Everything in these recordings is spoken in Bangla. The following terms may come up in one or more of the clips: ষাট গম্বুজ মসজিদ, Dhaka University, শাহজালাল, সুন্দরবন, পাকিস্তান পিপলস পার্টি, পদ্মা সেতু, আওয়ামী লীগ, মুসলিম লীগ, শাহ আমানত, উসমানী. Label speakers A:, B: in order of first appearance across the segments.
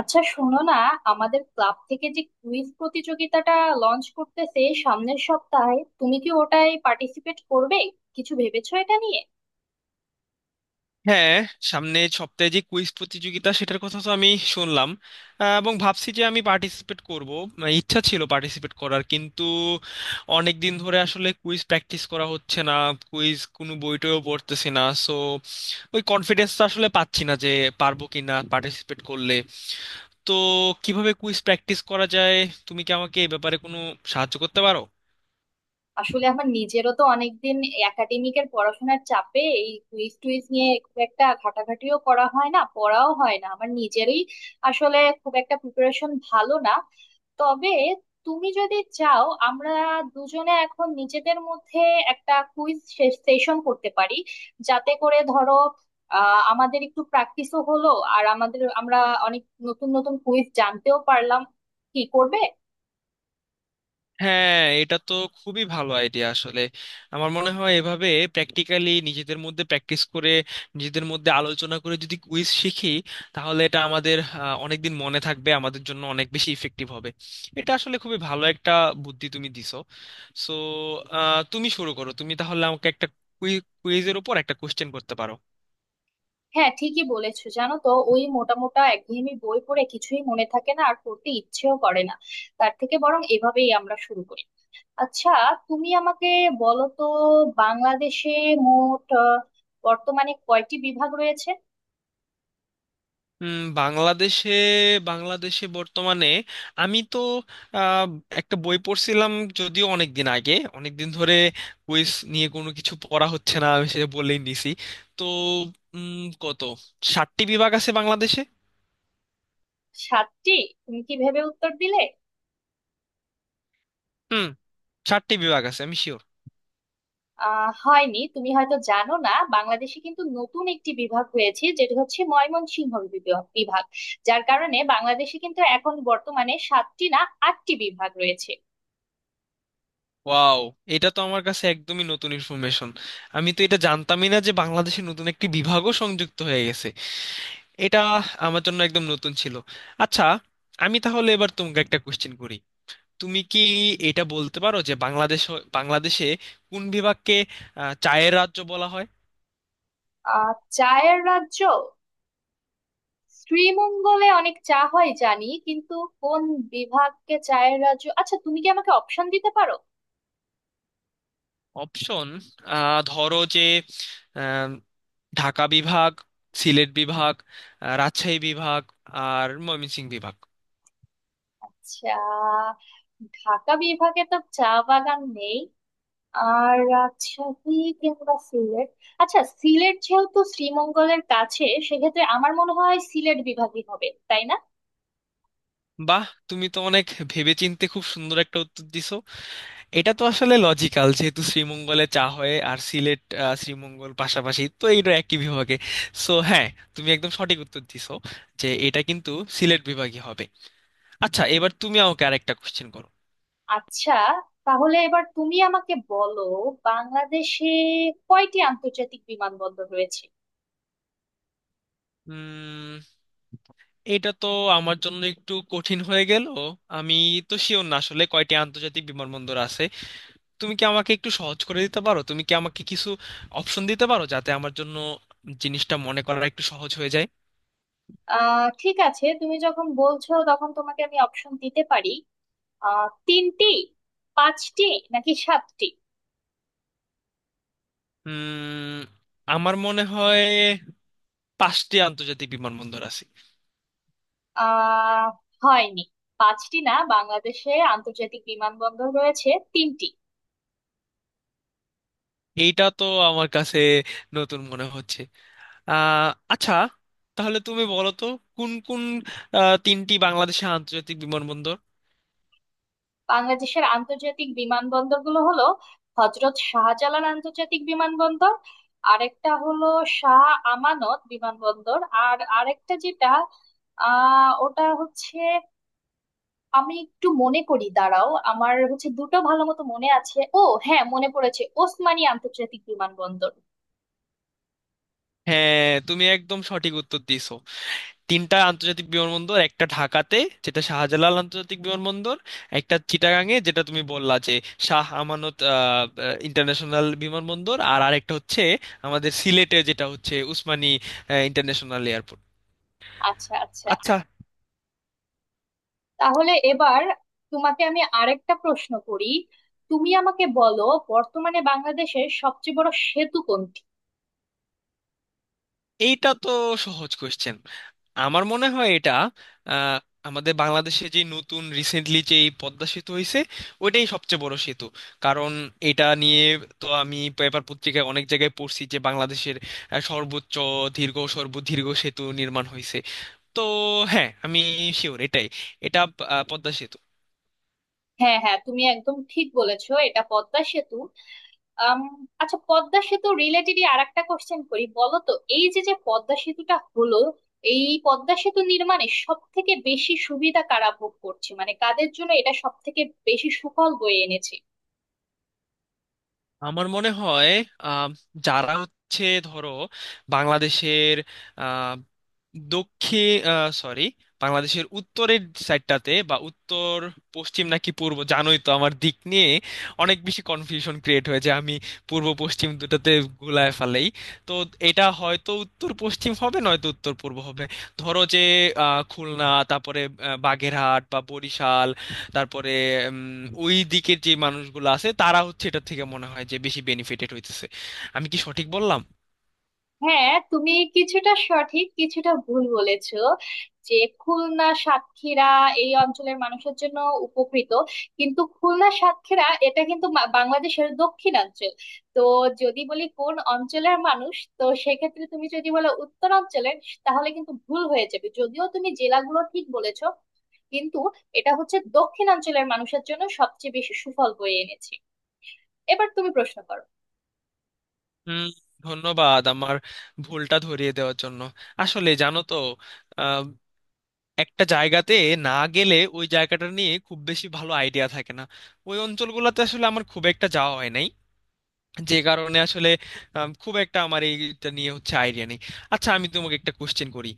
A: আচ্ছা, শোনো না। আমাদের ক্লাব থেকে যে কুইজ প্রতিযোগিতাটা লঞ্চ করতেছে সামনের সপ্তাহে, তুমি কি ওটায় পার্টিসিপেট করবে? কিছু ভেবেছো এটা নিয়ে?
B: হ্যাঁ। সামনে সপ্তাহে যে কুইজ প্রতিযোগিতা সেটার কথা তো আমি শুনলাম। এবং ভাবছি যে আমি পার্টিসিপেট করব। মানে ইচ্ছা ছিল পার্টিসিপেট করার, কিন্তু অনেক দিন ধরে আসলে কুইজ প্র্যাকটিস করা হচ্ছে না, কুইজ কোনো বইটেও পড়তেছি না। সো ওই কনফিডেন্সটা আসলে পাচ্ছি না যে পারবো কি না পার্টিসিপেট করলে। তো কিভাবে কুইজ প্র্যাকটিস করা যায়, তুমি কি আমাকে এই ব্যাপারে কোনো সাহায্য করতে পারো?
A: আসলে আমার নিজেরও তো অনেকদিন একাডেমিকের পড়াশোনার চাপে এই কুইজ টুইজ নিয়ে খুব একটা ঘাটাঘাটিও করা হয় না, পড়াও হয় না, আমার নিজেরই আসলে খুব একটা প্রিপারেশন ভালো না। তবে তুমি যদি চাও, আমরা দুজনে এখন নিজেদের মধ্যে একটা কুইজ সেশন করতে পারি, যাতে করে ধরো আমাদের একটু প্র্যাকটিসও হলো, আর আমরা অনেক নতুন নতুন কুইজ জানতেও পারলাম। কি করবে?
B: হ্যাঁ, এটা তো খুবই ভালো আইডিয়া আসলে। আমার মনে হয় এভাবে প্র্যাকটিক্যালি নিজেদের মধ্যে প্র্যাকটিস করে, নিজেদের মধ্যে আলোচনা করে যদি কুইজ শিখি, তাহলে এটা আমাদের অনেকদিন মনে থাকবে, আমাদের জন্য অনেক বেশি ইফেক্টিভ হবে। এটা আসলে খুবই ভালো একটা বুদ্ধি তুমি দিছো। সো তুমি শুরু করো, তুমি তাহলে আমাকে একটা কুইজের উপর একটা কোশ্চেন করতে পারো।
A: হ্যাঁ, ঠিকই বলেছো। জানো তো, ওই মোটা মোটা একঘেয়েমি বই পড়ে কিছুই মনে থাকে না, আর পড়তে ইচ্ছেও করে না। তার থেকে বরং এভাবেই আমরা শুরু করি। আচ্ছা, তুমি আমাকে বলো তো, বাংলাদেশে মোট বর্তমানে কয়টি বিভাগ রয়েছে?
B: বাংলাদেশে বাংলাদেশে বর্তমানে আমি তো আহ, একটা বই পড়ছিলাম, যদিও অনেক দিন আগে, অনেক দিন ধরে কুইজ নিয়ে কোনো কিছু পড়া হচ্ছে না, আমি সেটা বলেই নিছি। তো উম, কত 60টি বিভাগ আছে বাংলাদেশে।
A: সাতটি? তুমি কি ভেবে উত্তর দিলে?
B: হুম, ষাটটি বিভাগ আছে, আমি শিওর।
A: হয়নি। তুমি হয়তো জানো না, বাংলাদেশে কিন্তু নতুন একটি বিভাগ হয়েছে, যেটি হচ্ছে ময়মনসিংহ বিভাগ বিভাগ। যার কারণে বাংলাদেশে কিন্তু এখন বর্তমানে সাতটি না, আটটি বিভাগ রয়েছে।
B: ওয়াও, এটা তো আমার কাছে একদমই নতুন ইনফরমেশন। আমি তো এটা জানতামই না যে বাংলাদেশে নতুন একটি বিভাগও সংযুক্ত হয়ে গেছে। এটা আমার জন্য একদম নতুন ছিল। আচ্ছা, আমি তাহলে এবার তোমাকে একটা কোশ্চেন করি। তুমি কি এটা বলতে পারো যে বাংলাদেশে কোন বিভাগকে চায়ের রাজ্য বলা হয়?
A: চায়ের রাজ্য? শ্রীমঙ্গলে অনেক চা হয় জানি, কিন্তু কোন বিভাগকে চায়ের রাজ্য? আচ্ছা, তুমি কি আমাকে অপশন দিতে পারো?
B: অপশন? ধরো যে আম, ঢাকা বিভাগ, সিলেট বিভাগ, রাজশাহী বিভাগ, আর ময়মনসিংহ বিভাগ।
A: আচ্ছা, ঢাকা বিভাগে তো চা বাগান নেই, আর রাজশাহী কিংবা সিলেট। আচ্ছা, সিলেট যেহেতু শ্রীমঙ্গলের কাছে, সেক্ষেত্রে আমার মনে হয় সিলেট বিভাগই হবে, তাই না?
B: বাহ, তুমি তো অনেক ভেবেচিন্তে খুব সুন্দর একটা উত্তর দিছো। এটা তো আসলে লজিক্যাল, যেহেতু শ্রীমঙ্গলে চা হয়, আর সিলেট শ্রীমঙ্গল পাশাপাশি, তো এইটা একই বিভাগে। সো হ্যাঁ, তুমি একদম সঠিক উত্তর দিছো যে এটা কিন্তু সিলেট বিভাগই হবে। আচ্ছা এবার তুমি আমাকে আরেকটা কোশ্চেন করো।
A: আচ্ছা, তাহলে এবার তুমি আমাকে বলো, বাংলাদেশে কয়টি আন্তর্জাতিক বিমানবন্দর রয়েছে?
B: উম এটা তো আমার জন্য একটু কঠিন হয়ে গেল। আমি তো শিওর না আসলে কয়টি আন্তর্জাতিক বিমানবন্দর আছে। তুমি কি আমাকে একটু সহজ করে দিতে পারো? তুমি কি আমাকে কিছু অপশন দিতে পারো, যাতে আমার জন্য জিনিসটা মনে করা একটু সহজ হয়ে যায়?
A: ঠিক আছে, তুমি যখন বলছো, তখন তোমাকে আমি অপশন দিতে পারি। তিনটি, পাঁচটি, নাকি সাতটি?
B: উম আমার মনে হয় পাঁচটি আন্তর্জাতিক বিমানবন্দর আছে।
A: আহ হয়নি। পাঁচটি না, বাংলাদেশে আন্তর্জাতিক বিমানবন্দর রয়েছে তিনটি।
B: এইটা তো আমার কাছে নতুন মনে হচ্ছে। আচ্ছা, তাহলে তুমি বলো তো কোন কোন তিনটি বাংলাদেশের আন্তর্জাতিক বিমানবন্দর?
A: বাংলাদেশের আন্তর্জাতিক বিমানবন্দরগুলো হলো হজরত শাহজালাল আন্তর্জাতিক বিমানবন্দর, আরেকটা হলো শাহ আমানত বিমানবন্দর, আর আরেকটা যেটা ওটা হচ্ছে, আমি একটু মনে করি, দাঁড়াও। আমার হচ্ছে দুটো ভালো মতো মনে আছে। ও হ্যাঁ, মনে পড়েছে, ওসমানী আন্তর্জাতিক বিমানবন্দর।
B: হ্যাঁ, তুমি একদম সঠিক উত্তর দিছো। তিনটা আন্তর্জাতিক বিমানবন্দর, একটা ঢাকাতে যেটা শাহজালাল আন্তর্জাতিক বিমানবন্দর, একটা চিটাগাং এ যেটা তুমি বললা যে শাহ আমানত ইন্টারন্যাশনাল বিমানবন্দর, আর আরেকটা হচ্ছে আমাদের সিলেটে যেটা হচ্ছে উসমানী ইন্টারন্যাশনাল এয়ারপোর্ট।
A: আচ্ছা, আচ্ছা।
B: আচ্ছা।
A: তাহলে এবার তোমাকে আমি আরেকটা প্রশ্ন করি। তুমি আমাকে বলো, বর্তমানে বাংলাদেশের সবচেয়ে বড় সেতু কোনটি?
B: এইটা তো সহজ কোশ্চেন। আমার মনে হয় এটা আহ, আমাদের বাংলাদেশে যে নতুন রিসেন্টলি যে এই পদ্মা সেতু হয়েছে, ওইটাই সবচেয়ে বড় সেতু। কারণ এটা নিয়ে তো আমি পেপার পত্রিকায় অনেক জায়গায় পড়ছি যে বাংলাদেশের সর্বোচ্চ দীর্ঘ সর্বদীর্ঘ সেতু নির্মাণ হয়েছে। তো হ্যাঁ, আমি শিওর এটাই, এটা পদ্মা সেতু।
A: হ্যাঁ, হ্যাঁ, তুমি একদম ঠিক বলেছো, এটা পদ্মা সেতু। আম, আচ্ছা, পদ্মা সেতু রিলেটেডই আরেকটা কোশ্চেন করি। বলো তো, এই যে যে পদ্মা সেতুটা হলো, এই পদ্মা সেতু নির্মাণে সব থেকে বেশি সুবিধা কারা ভোগ করছে? মানে কাদের জন্য এটা সব থেকে বেশি সুফল বয়ে এনেছে?
B: আমার মনে হয় আম, যারা হচ্ছে, ধরো, বাংলাদেশের আহ, দক্ষিণ সরি বাংলাদেশের উত্তরের সাইডটাতে, বা উত্তর পশ্চিম নাকি পূর্ব, জানোই তো আমার দিক নিয়ে অনেক বেশি কনফিউশন ক্রিয়েট হয়েছে, আমি পূর্ব পশ্চিম দুটাতে গুলায় ফেলেই। তো এটা হয়তো উত্তর পশ্চিম হবে, নয়তো উত্তর পূর্ব হবে। ধরো যে খুলনা, তারপরে বাগেরহাট বা বরিশাল, তারপরে উম, ওই দিকের যে মানুষগুলো আছে, তারা হচ্ছে এটা থেকে মনে হয় যে বেশি বেনিফিটেড হইতেছে। আমি কি সঠিক বললাম?
A: হ্যাঁ, তুমি কিছুটা সঠিক, কিছুটা ভুল বলেছো। যে খুলনা, সাতক্ষীরা এই অঞ্চলের মানুষের জন্য উপকৃত, কিন্তু খুলনা, সাতক্ষীরা এটা কিন্তু বাংলাদেশের দক্ষিণাঞ্চল। তো যদি বলি কোন অঞ্চলের মানুষ, তো সেক্ষেত্রে তুমি যদি বলো উত্তরাঞ্চলের, তাহলে কিন্তু ভুল হয়ে যাবে। যদিও তুমি জেলাগুলো ঠিক বলেছো, কিন্তু এটা হচ্ছে দক্ষিণাঞ্চলের মানুষের জন্য সবচেয়ে বেশি সুফল বয়ে এনেছে। এবার তুমি প্রশ্ন করো।
B: হুম, ধন্যবাদ আমার ভুলটা ধরিয়ে দেওয়ার জন্য। আসলে জানো তো, আহ, একটা জায়গাতে না গেলে ওই জায়গাটা নিয়ে খুব বেশি ভালো আইডিয়া থাকে না। ওই অঞ্চলগুলোতে আসলে আমার খুব একটা যাওয়া হয় নাই, যে কারণে আসলে খুব একটা আমার এইটা নিয়ে হচ্ছে আইডিয়া নেই। আচ্ছা, আমি তোমাকে একটা কোশ্চেন করি।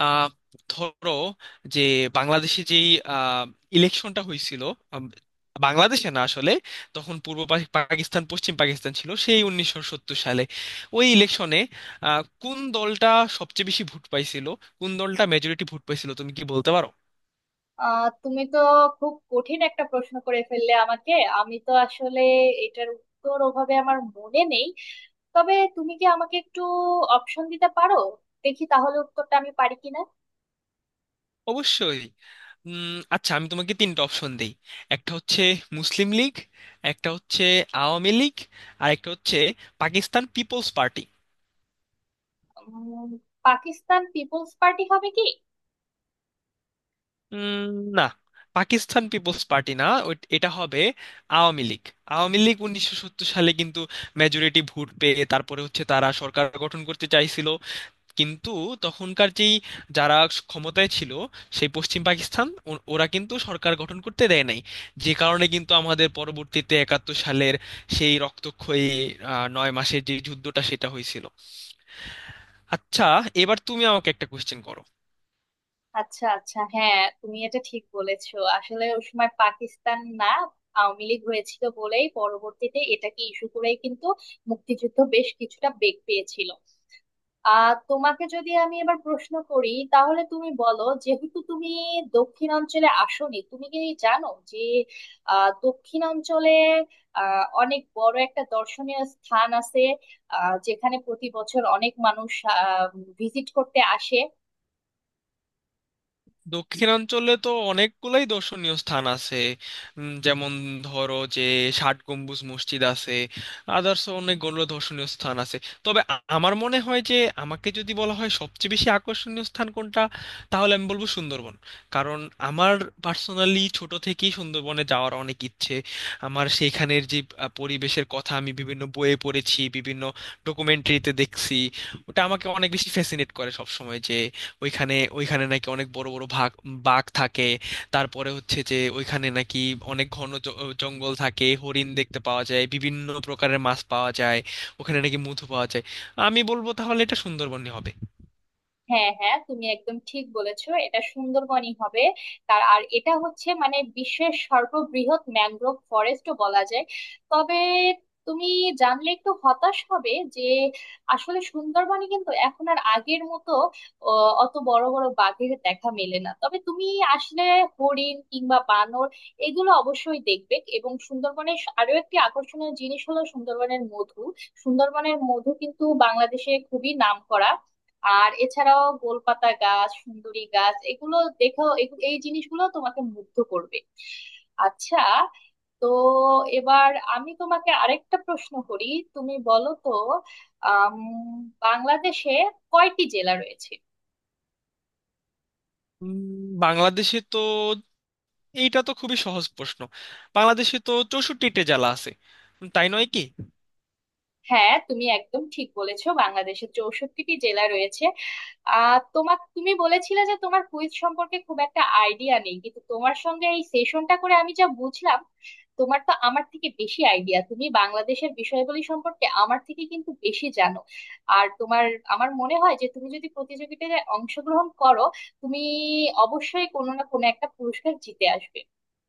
B: আহ, ধরো যে বাংলাদেশে যেই ইলেকশনটা হয়েছিল, আম, বাংলাদেশে না আসলে, তখন পাকিস্তান পশ্চিম পাকিস্তান ছিল, সেই 1970 সালে ওই ইলেকশনে কোন দলটা সবচেয়ে বেশি ভোট পাইছিল, কোন দলটা মেজরিটি ভোট পাইছিল, তুমি কি বলতে পারো?
A: তুমি তো খুব কঠিন একটা প্রশ্ন করে ফেললে আমাকে। আমি তো আসলে এটার উত্তর ওভাবে আমার মনে নেই। তবে তুমি কি আমাকে একটু অপশন দিতে পারো? দেখি তাহলে উত্তরটা আমি পারি কিনা।
B: অবশ্যই। আচ্ছা, আমি তোমাকে তিনটা অপশন দিই। একটা হচ্ছে মুসলিম লীগ, একটা হচ্ছে আওয়ামী লীগ, আর একটা হচ্ছে পাকিস্তান পিপলস পার্টি।
A: উম, পাকিস্তান পিপলস পার্টি হবে কি?
B: উম, না, পাকিস্তান পিপলস পার্টি না। এটা হবে আওয়ামী লীগ। আওয়ামী লীগ 1970 সালে কিন্তু মেজরিটি ভোট পেয়ে তারপরে হচ্ছে তারা সরকার গঠন করতে চাইছিল, কিন্তু তখনকার যেই যারা ক্ষমতায় ছিল, সেই পশ্চিম পাকিস্তান ওরা কিন্তু সরকার গঠন করতে দেয় নাই। যে কারণে কিন্তু আমাদের পরবর্তীতে 1971 সালের সেই রক্তক্ষয়ী 9 মাসের যে যুদ্ধটা, সেটা হয়েছিল। আচ্ছা এবার তুমি আমাকে একটা কোশ্চেন করো।
A: আচ্ছা, আচ্ছা, হ্যাঁ, তুমি এটা ঠিক বলেছো। আসলে ওই সময় পাকিস্তান না, আওয়ামী লীগ হয়েছিল বলেই পরবর্তীতে এটাকে ইস্যু করেই কিন্তু মুক্তিযুদ্ধ বেশ কিছুটা বেগ পেয়েছিল। তোমাকে যদি আমি এবার প্রশ্ন করি, তাহলে তুমি বলো, যেহেতু তুমি দক্ষিণাঞ্চলে আসোনি, তুমি কি জানো যে দক্ষিণাঞ্চলে অনেক বড় একটা দর্শনীয় স্থান আছে, যেখানে প্রতি বছর অনেক মানুষ ভিজিট করতে আসে?
B: দক্ষিণাঞ্চলে তো অনেকগুলাই দর্শনীয় স্থান আছে। যেমন ধরো যে ষাট গম্বুজ মসজিদ আছে, আদার্স অনেকগুলো দর্শনীয় স্থান আছে। তবে আমার মনে হয় যে আমাকে যদি বলা হয় সবচেয়ে বেশি আকর্ষণীয় স্থান কোনটা, তাহলে আমি বলবো সুন্দরবন। কারণ আমার পার্সোনালি ছোট থেকেই সুন্দরবনে যাওয়ার অনেক ইচ্ছে। আমার সেইখানের যে পরিবেশের কথা আমি বিভিন্ন বইয়ে পড়েছি, বিভিন্ন ডকুমেন্টারিতে দেখছি। ওটা আমাকে অনেক বেশি ফ্যাসিনেট করে সবসময়, যে ওইখানে ওইখানে নাকি অনেক বড় বড় বাঘ থাকে। তারপরে হচ্ছে যে ওইখানে নাকি অনেক ঘন জঙ্গল থাকে, হরিণ দেখতে পাওয়া যায়, বিভিন্ন প্রকারের মাছ পাওয়া যায়, ওখানে নাকি মধু পাওয়া যায়। আমি বলবো তাহলে এটা সুন্দরবনই হবে।
A: হ্যাঁ, হ্যাঁ, তুমি একদম ঠিক বলেছো, এটা সুন্দরবনই হবে। তার আর এটা হচ্ছে মানে বিশ্বের সর্ববৃহৎ ম্যানগ্রোভ ফরেস্টও বলা যায়। তবে তুমি জানলে একটু হতাশ হবে যে আসলে সুন্দরবনে কিন্তু এখন আর আগের মতো অ, অত বড় বড় বাঘের দেখা মেলে না। তবে তুমি আসলে হরিণ কিংবা বানর এগুলো অবশ্যই দেখবে, এবং সুন্দরবনের আরো একটি আকর্ষণীয় জিনিস হলো সুন্দরবনের মধু। সুন্দরবনের মধু কিন্তু বাংলাদেশে খুবই নামকরা। আর এছাড়াও গোলপাতা গাছ, সুন্দরী গাছ, এগুলো দেখো, এই জিনিসগুলো তোমাকে মুগ্ধ করবে। আচ্ছা, তো এবার আমি তোমাকে আরেকটা প্রশ্ন করি। তুমি বলো তো, আম, বাংলাদেশে কয়টি জেলা রয়েছে?
B: উম, বাংলাদেশে তো, এইটা তো খুবই সহজ প্রশ্ন, বাংলাদেশে তো 64টা জেলা আছে, তাই নয় কি?
A: হ্যাঁ, তুমি একদম ঠিক বলেছো, বাংলাদেশে 64টি জেলা রয়েছে। তুমি বলেছিলে যে তোমার কুইজ সম্পর্কে খুব একটা আইডিয়া নেই, কিন্তু তোমার সঙ্গে এই সেশনটা করে আমি যা বুঝলাম, তোমার তো আমার থেকে বেশি আইডিয়া। তুমি বাংলাদেশের বিষয়গুলি সম্পর্কে আমার থেকে কিন্তু বেশি জানো। আর তোমার, আমার মনে হয় যে তুমি যদি প্রতিযোগিতায় অংশগ্রহণ করো, তুমি অবশ্যই কোনো না কোনো একটা পুরস্কার জিতে আসবে।